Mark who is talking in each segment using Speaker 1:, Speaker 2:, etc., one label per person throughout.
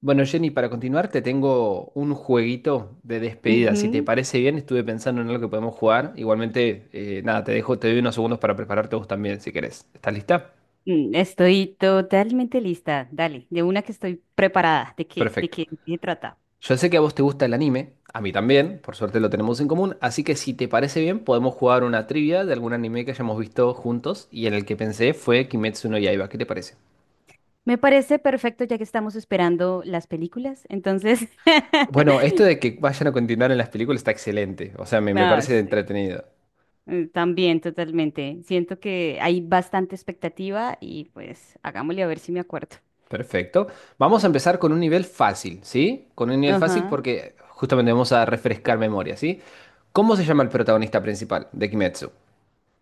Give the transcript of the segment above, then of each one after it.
Speaker 1: Bueno, Jenny, para continuar, te tengo un jueguito de despedida. Si te
Speaker 2: Ujú.
Speaker 1: parece bien, estuve pensando en algo que podemos jugar. Igualmente, nada, te dejo, te doy unos segundos para prepararte vos también, si querés. ¿Estás lista?
Speaker 2: Estoy totalmente lista. Dale, de una que estoy preparada. ¿De qué? ¿De
Speaker 1: Perfecto.
Speaker 2: qué, de qué trata?
Speaker 1: Yo sé que a vos te gusta el anime, a mí también, por suerte lo tenemos en común, así que si te parece bien, podemos jugar una trivia de algún anime que hayamos visto juntos y en el que pensé fue Kimetsu no Yaiba. ¿Qué te parece?
Speaker 2: Me parece perfecto ya que estamos esperando las películas. Entonces,
Speaker 1: Bueno, esto de que vayan a continuar en las películas está excelente, o sea, me
Speaker 2: ah,
Speaker 1: parece
Speaker 2: sí.
Speaker 1: entretenido.
Speaker 2: También, totalmente. Siento que hay bastante expectativa y pues hagámosle a ver si me acuerdo.
Speaker 1: Perfecto. Vamos a empezar con un nivel fácil, ¿sí? Con un nivel fácil
Speaker 2: Ajá.
Speaker 1: porque justamente vamos a refrescar memoria, ¿sí? ¿Cómo se llama el protagonista principal de Kimetsu?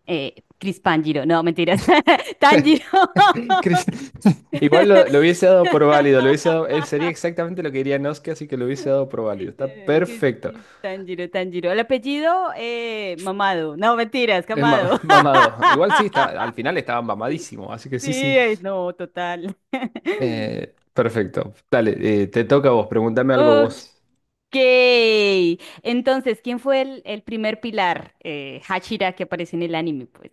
Speaker 2: Chris Pangiro. No, mentiras. Tanjiro.
Speaker 1: Chris. Igual lo hubiese dado por válido, lo hubiese dado, él sería exactamente lo que diría Noske, así que lo hubiese dado por válido. Está perfecto.
Speaker 2: Tanjiro, Tanjiro. El apellido, Mamado. No, mentiras,
Speaker 1: Es ma-
Speaker 2: Camado.
Speaker 1: mamado. Igual sí, está, al final estaba mamadísimo, así que
Speaker 2: Sí,
Speaker 1: sí, sí.
Speaker 2: ay, no, total.
Speaker 1: Perfecto. Dale, te toca a vos, pregúntame algo
Speaker 2: Ok.
Speaker 1: vos.
Speaker 2: Entonces, ¿quién fue el primer pilar? Hashira que aparece en el anime, pues.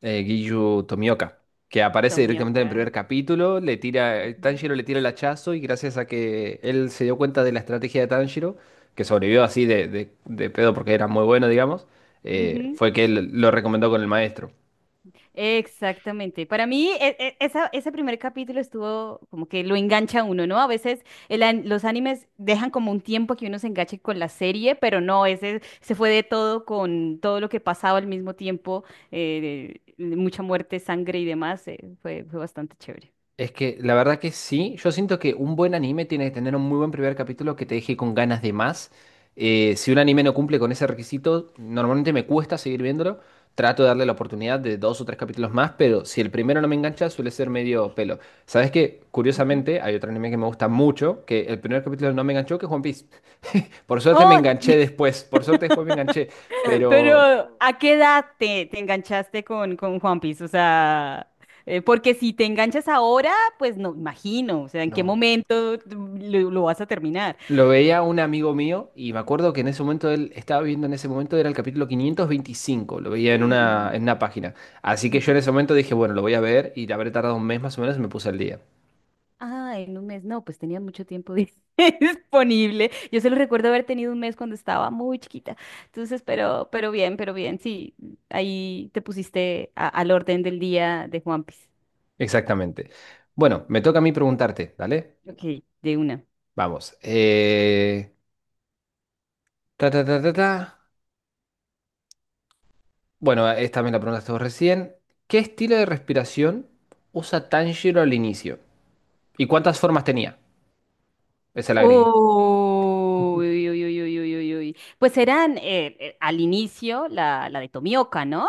Speaker 1: Giyu Tomioka, que aparece directamente en el
Speaker 2: Tomioka.
Speaker 1: primer capítulo, le tira,
Speaker 2: Ujú.
Speaker 1: Tanjiro le tira el hachazo y gracias a que él se dio cuenta de la estrategia de Tanjiro, que sobrevivió así de pedo porque era muy bueno, digamos,
Speaker 2: Ujú.
Speaker 1: fue que él lo recomendó con el maestro.
Speaker 2: Exactamente. Para mí, ese primer capítulo estuvo como que lo engancha a uno, ¿no? A veces los animes dejan como un tiempo que uno se enganche con la serie, pero no, ese se fue de todo con todo lo que pasaba al mismo tiempo, de mucha muerte, sangre y demás, fue bastante chévere.
Speaker 1: Es que la verdad que sí, yo siento que un buen anime tiene que tener un muy buen primer capítulo que te deje con ganas de más. Si un anime no cumple con ese requisito, normalmente me cuesta seguir viéndolo. Trato de darle la oportunidad de dos o tres capítulos más, pero si el primero no me engancha, suele ser medio pelo. ¿Sabes qué?
Speaker 2: Ujú.
Speaker 1: Curiosamente, hay otro anime que me gusta mucho, que el primer capítulo no me enganchó, que es One Piece. Por suerte me
Speaker 2: Oh,
Speaker 1: enganché después, por suerte
Speaker 2: Bueno,
Speaker 1: después me enganché, pero
Speaker 2: pero, ¿a qué edad te enganchaste con One Piece? O sea, porque si te enganchas ahora, pues no, imagino, o sea, ¿en qué
Speaker 1: no.
Speaker 2: momento lo vas a terminar?
Speaker 1: Lo veía un amigo mío y me acuerdo que en ese momento él estaba viendo en ese momento era el capítulo 525, lo veía en una página. Así que yo en
Speaker 2: Ujú.
Speaker 1: ese momento dije, bueno, lo voy a ver y habré tardado un mes más o menos y me puse al día.
Speaker 2: Ah, en un mes, no, pues tenía mucho tiempo disponible. Yo solo recuerdo haber tenido un mes cuando estaba muy chiquita. Entonces, pero bien, pero bien, sí, ahí te pusiste al orden del día de One Piece.
Speaker 1: Exactamente. Bueno, me toca a mí preguntarte, ¿dale?
Speaker 2: Ok, de una.
Speaker 1: Vamos. Ta, ta, ta, ta, ta. Bueno, esta me la preguntaste vos recién. ¿Qué estilo de respiración usa Tanjiro al inicio? ¿Y cuántas formas tenía? Esa la agregué.
Speaker 2: Uy, uy, uy, uy, uy, uy, uy. Pues eran al inicio la de Tomioka, ¿no?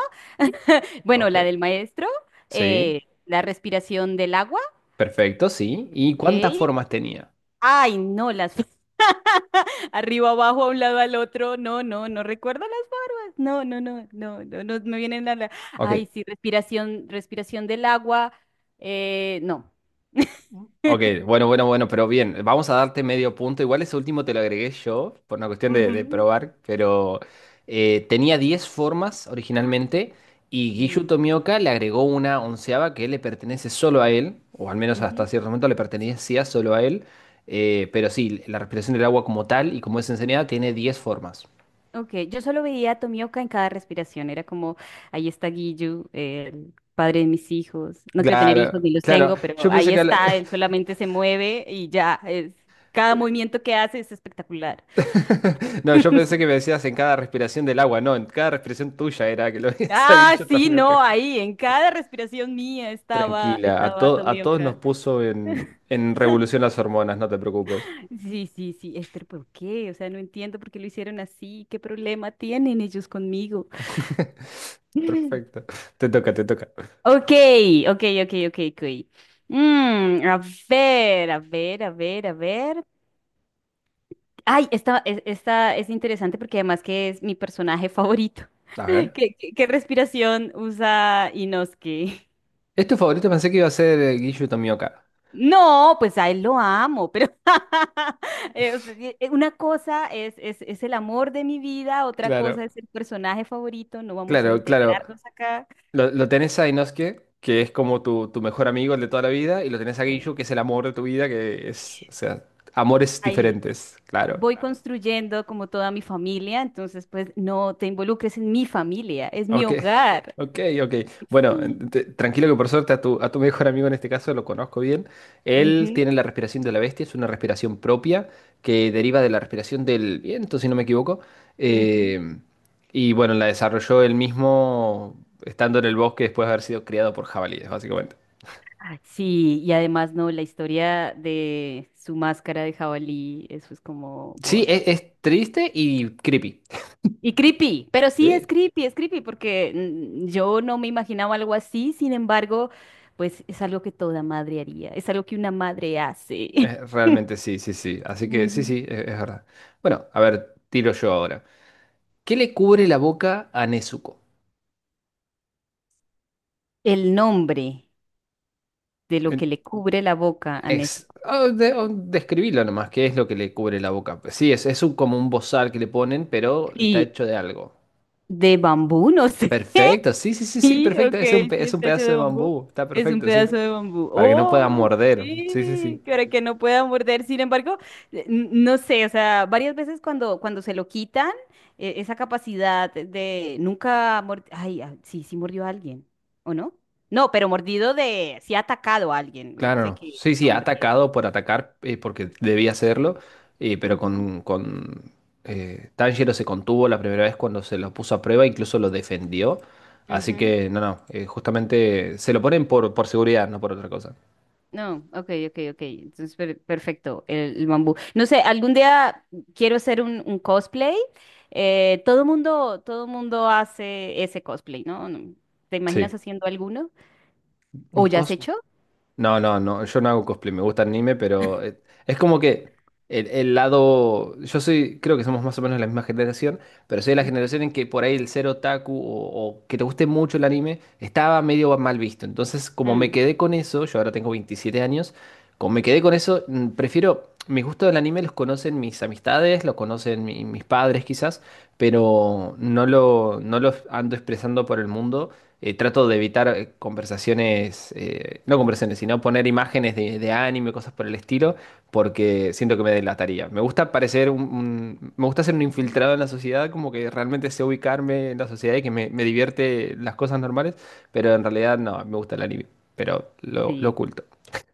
Speaker 2: Bueno, la
Speaker 1: Ok.
Speaker 2: del maestro,
Speaker 1: Sí,
Speaker 2: la respiración del agua,
Speaker 1: perfecto, sí. ¿Y
Speaker 2: ¿ok?
Speaker 1: cuántas formas tenía?
Speaker 2: Ay, no, las arriba, abajo, a un lado, al otro. No, no, no recuerdo las. No, no, no, no, no, no me vienen
Speaker 1: Ok,
Speaker 2: Ay, sí, respiración, respiración del agua. No.
Speaker 1: ok, bueno, bueno, bueno, pero bien, vamos a darte medio punto. Igual ese último te lo agregué yo por una cuestión de
Speaker 2: Ujú,
Speaker 1: probar, pero tenía 10 formas originalmente y Giyu
Speaker 2: no.
Speaker 1: Tomioka le agregó una onceava que le pertenece solo a él, o al menos hasta cierto momento le pertenecía solo a él, pero sí, la respiración del agua como tal y como es enseñada tiene 10 formas.
Speaker 2: Ok, yo solo veía a Tomioka en cada respiración. Era como, ahí está Giyu, el padre de mis hijos. No quiero tener hijos
Speaker 1: Claro,
Speaker 2: ni los
Speaker 1: claro,
Speaker 2: tengo,
Speaker 1: yo
Speaker 2: pero
Speaker 1: pensé
Speaker 2: ahí
Speaker 1: que la
Speaker 2: está, él solamente se mueve y ya. Cada movimiento que hace es espectacular.
Speaker 1: No, yo pensé que me decías en cada respiración del agua, no, en cada respiración tuya era que lo hizo
Speaker 2: Ah,
Speaker 1: Giyu
Speaker 2: sí,
Speaker 1: Tomioka.
Speaker 2: no, ahí, en cada respiración mía estaba,
Speaker 1: Tranquila, a,
Speaker 2: estaba
Speaker 1: to- a todos nos
Speaker 2: Tomioka.
Speaker 1: puso en revolución las hormonas, no te preocupes.
Speaker 2: Sí, sí, sí, pero ¿por qué? O sea, no entiendo por qué lo hicieron así. ¿Qué problema tienen ellos conmigo?
Speaker 1: Perfecto, te toca, te toca.
Speaker 2: Ok, ok, ok, ok, ok. A ver, a ver, a ver, a ver. Ay, esta es interesante porque además que es mi personaje favorito.
Speaker 1: A ver.
Speaker 2: ¿Qué respiración usa Inosuke?
Speaker 1: Es tu favorito, pensé que iba a ser Giyu Tomioka.
Speaker 2: No, pues a él lo amo, pero o sea, una cosa es el amor de mi vida, otra cosa
Speaker 1: Claro,
Speaker 2: es el personaje favorito, no vamos a
Speaker 1: claro, claro.
Speaker 2: integrarnos acá.
Speaker 1: Lo tenés a Inosuke, que es como tu mejor amigo, el de toda la vida, y lo tenés a
Speaker 2: Eh,
Speaker 1: Giyu, que es el amor de tu vida, que es, o sea, amores
Speaker 2: Ahí
Speaker 1: diferentes, claro.
Speaker 2: voy, claro, construyendo como toda mi familia, entonces pues no te involucres en mi familia, es mi
Speaker 1: Ok,
Speaker 2: hogar.
Speaker 1: ok, ok. Bueno, en- te- tranquilo que por suerte a tu mejor amigo en este caso lo conozco bien. Él
Speaker 2: Ujú,
Speaker 1: tiene la respiración de la bestia, es una respiración propia que deriva de la respiración del viento, si no me equivoco.
Speaker 2: ujú.
Speaker 1: Eh, y bueno, la desarrolló él mismo estando en el bosque después de haber sido criado por jabalíes, básicamente.
Speaker 2: Ah, sí, y además no, la historia de su máscara de jabalí, eso es como
Speaker 1: Sí,
Speaker 2: watch.
Speaker 1: es triste y creepy.
Speaker 2: Y creepy, pero sí
Speaker 1: Sí,
Speaker 2: es creepy porque yo no me imaginaba algo así, sin embargo, pues es algo que toda madre haría, es algo que una madre hace.
Speaker 1: realmente sí, sí, sí. Así que sí,
Speaker 2: Ujú.
Speaker 1: sí, es verdad. Bueno, a ver, tiro yo ahora. ¿Qué le cubre la boca a Nezuko?
Speaker 2: El nombre de lo que le cubre la boca a
Speaker 1: Ex-
Speaker 2: Nezuko.
Speaker 1: ah, de- o describilo nomás, ¿qué es lo que le cubre la boca? Pues sí, es un- como un bozal que le ponen, pero está hecho de algo.
Speaker 2: De bambú, no sé.
Speaker 1: Perfecto, sí, sí, sí, sí,
Speaker 2: Sí,
Speaker 1: perfecto.
Speaker 2: ok,
Speaker 1: Es un, pe-
Speaker 2: sí
Speaker 1: es un
Speaker 2: está hecho
Speaker 1: pedazo
Speaker 2: de
Speaker 1: de
Speaker 2: bambú.
Speaker 1: bambú, está
Speaker 2: Es un
Speaker 1: perfecto, sí.
Speaker 2: pedazo de bambú.
Speaker 1: Para que no
Speaker 2: ¡Oh!
Speaker 1: pueda morder. Sí, sí, sí.
Speaker 2: Sí, que ahora que no pueda morder. Sin embargo, no sé, o sea, varias veces cuando, se lo quitan, esa capacidad de nunca. Ay, ah, sí, sí mordió a alguien, ¿o no? No, pero sí ha atacado a alguien,
Speaker 1: Claro,
Speaker 2: sé
Speaker 1: no,
Speaker 2: que
Speaker 1: sí,
Speaker 2: no
Speaker 1: sí,
Speaker 2: ha
Speaker 1: ha
Speaker 2: mordido.
Speaker 1: atacado por atacar, porque debía hacerlo, pero
Speaker 2: Ujú,
Speaker 1: con Tanjiro se contuvo la primera vez cuando se lo puso a prueba, incluso lo defendió. Así
Speaker 2: ujú.
Speaker 1: que, no, no, justamente se lo ponen por seguridad, no por otra cosa.
Speaker 2: No, ok, ok, ok. Entonces, perfecto, el bambú. No sé, algún día quiero hacer un cosplay. Todo mundo, todo mundo hace ese cosplay, ¿no? ¿Te imaginas
Speaker 1: Sí.
Speaker 2: haciendo alguno?
Speaker 1: Un
Speaker 2: ¿O ya has
Speaker 1: cos.
Speaker 2: hecho?
Speaker 1: No, no, no, yo no hago cosplay, me gusta el anime, pero es como que el lado, yo soy, creo que somos más o menos la misma generación, pero soy de la
Speaker 2: Ujú.
Speaker 1: generación en que por ahí el ser otaku o que te guste mucho el anime estaba medio mal visto. Entonces, como me
Speaker 2: Mm,
Speaker 1: quedé con eso, yo ahora tengo 27 años, como me quedé con eso, prefiero, mi gusto del anime los conocen mis amistades, lo conocen mi- mis padres quizás, pero no lo, no lo ando expresando por el mundo. Trato de evitar conversaciones, no conversaciones, sino poner imágenes de anime, cosas por el estilo, porque siento que me delataría. Me gusta parecer un- me gusta ser un
Speaker 2: ujú.
Speaker 1: infiltrado en la sociedad, como que realmente sé ubicarme en la sociedad y que me divierte las cosas normales, pero en realidad no, me gusta el anime, pero lo
Speaker 2: Sí.
Speaker 1: oculto.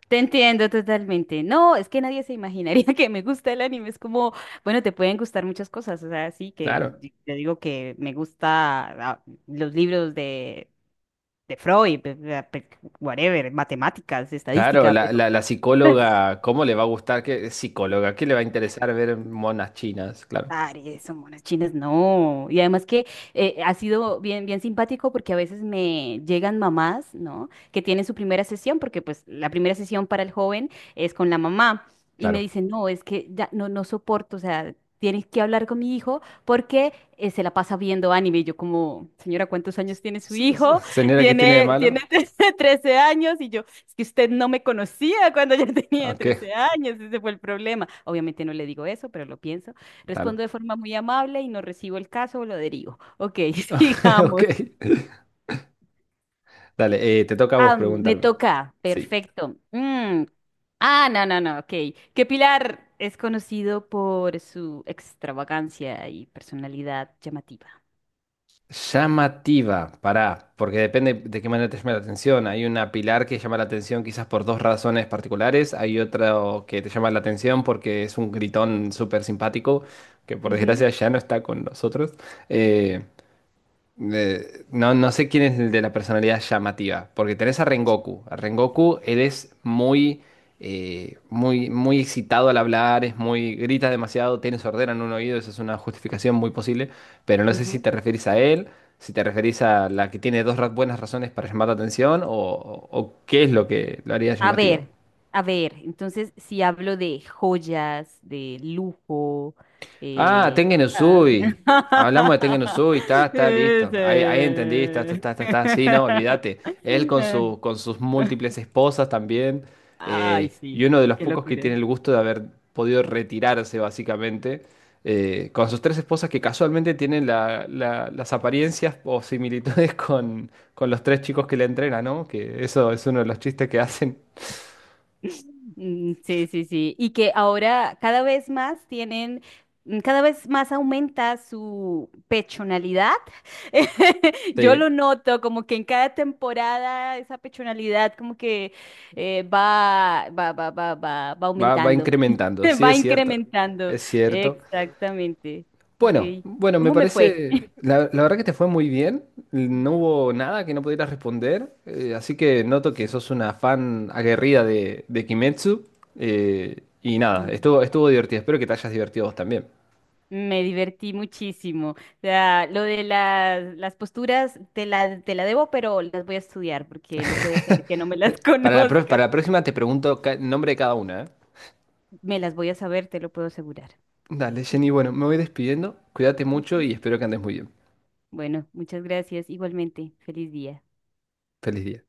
Speaker 2: Te entiendo totalmente. No, es que nadie se imaginaría que me gusta el anime. Es como, bueno, te pueden gustar muchas cosas. O sea, sí que
Speaker 1: Claro.
Speaker 2: yo digo que me gusta los libros de Freud, whatever, matemáticas,
Speaker 1: Claro,
Speaker 2: estadística,
Speaker 1: la,
Speaker 2: pero
Speaker 1: la psicóloga, ¿cómo le va a gustar que psicóloga? ¿Qué le va a interesar ver monas chinas? Claro,
Speaker 2: Aries, son monas chinas, no. Y además que ha sido bien, bien simpático porque a veces me llegan mamás, ¿no? Que tienen su primera sesión, porque pues la primera sesión para el joven es con la mamá. Y me
Speaker 1: claro.
Speaker 2: dicen, no, es que ya no, no soporto, o sea, tienes que hablar con mi hijo porque se la pasa viendo anime. Y yo como, señora, ¿cuántos años tiene su
Speaker 1: S- s-
Speaker 2: hijo?
Speaker 1: Señora, ¿qué tiene de
Speaker 2: Tiene
Speaker 1: malo?
Speaker 2: 13 años. Y yo, es que usted no me conocía cuando yo tenía
Speaker 1: Ok,
Speaker 2: 13 años, ese fue el problema. Obviamente no le digo eso, pero lo pienso.
Speaker 1: claro.
Speaker 2: Respondo de forma muy amable y no recibo el caso o lo derivo. Ok,
Speaker 1: Ok.
Speaker 2: sigamos.
Speaker 1: Dale, te toca a vos
Speaker 2: Ah, me
Speaker 1: preguntarme.
Speaker 2: toca.
Speaker 1: Sí.
Speaker 2: Perfecto. Mm. Ah, no, no, no, ok. ¿Que pilar es conocido por su extravagancia y personalidad llamativa?
Speaker 1: Llamativa, pará, porque depende de qué manera te llame la atención. Hay una pilar que llama la atención quizás por dos razones particulares. Hay otro que te llama la atención porque es un gritón súper simpático, que por
Speaker 2: Ujú,
Speaker 1: desgracia ya no está con nosotros. Eh, no, no sé quién es el de la personalidad llamativa, porque tenés a Rengoku. A Rengoku, él es muy, muy, muy excitado al hablar, es muy, grita demasiado, tiene sordera en un oído, eso es una justificación muy posible, pero no sé si
Speaker 2: ujú.
Speaker 1: te referís a él, si te referís a la que tiene dos ra- buenas razones para llamar la atención o qué es lo que lo haría
Speaker 2: A
Speaker 1: llamativo.
Speaker 2: ver, a ver, entonces si hablo de joyas, de lujo,
Speaker 1: Ah,
Speaker 2: eh,
Speaker 1: Tengen
Speaker 2: ah.
Speaker 1: Uzui. Hablamos de Tengen Uzui, está, está listo. Ahí, ahí entendí, está, está,
Speaker 2: Ese.
Speaker 1: está, está, está. Sí, no, olvídate. Él con su, con sus múltiples esposas también.
Speaker 2: Ay,
Speaker 1: Y
Speaker 2: sí,
Speaker 1: uno de los
Speaker 2: qué
Speaker 1: pocos que
Speaker 2: locura.
Speaker 1: tiene el gusto de haber podido retirarse, básicamente. Con sus tres esposas que casualmente tienen la- la- las apariencias o similitudes con los tres chicos que le entrenan, ¿no? Que eso es uno de los chistes que hacen.
Speaker 2: Mm, sí, sí, sí. Y que ahora cada vez más tienen, cada vez más aumenta su pechonalidad. Yo
Speaker 1: Sí,
Speaker 2: lo noto, como que en cada temporada esa pechonalidad como que va
Speaker 1: va, va
Speaker 2: aumentando,
Speaker 1: incrementando. Sí,
Speaker 2: va
Speaker 1: es cierto.
Speaker 2: incrementando.
Speaker 1: Es cierto.
Speaker 2: Exactamente.
Speaker 1: Bueno,
Speaker 2: Ok.
Speaker 1: bueno, me
Speaker 2: ¿Cómo me fue?
Speaker 1: parece, la verdad que te fue muy bien, no hubo nada que no pudieras responder, así que noto que sos una fan aguerrida de Kimetsu, y nada, estuvo, estuvo divertido, espero que te hayas divertido vos también.
Speaker 2: Me divertí muchísimo. O sea, lo de las posturas te la debo, pero las voy a estudiar porque no puede ser que no me las
Speaker 1: Para la, pro- para la
Speaker 2: conozca.
Speaker 1: próxima te pregunto ca- nombre de cada una, ¿eh?
Speaker 2: Me las voy a saber, te lo puedo asegurar.
Speaker 1: Dale, Jenny, bueno, me voy despidiendo, cuídate mucho
Speaker 2: Ujú.
Speaker 1: y espero que andes muy bien.
Speaker 2: Bueno, muchas gracias. Igualmente, feliz día.
Speaker 1: Feliz día.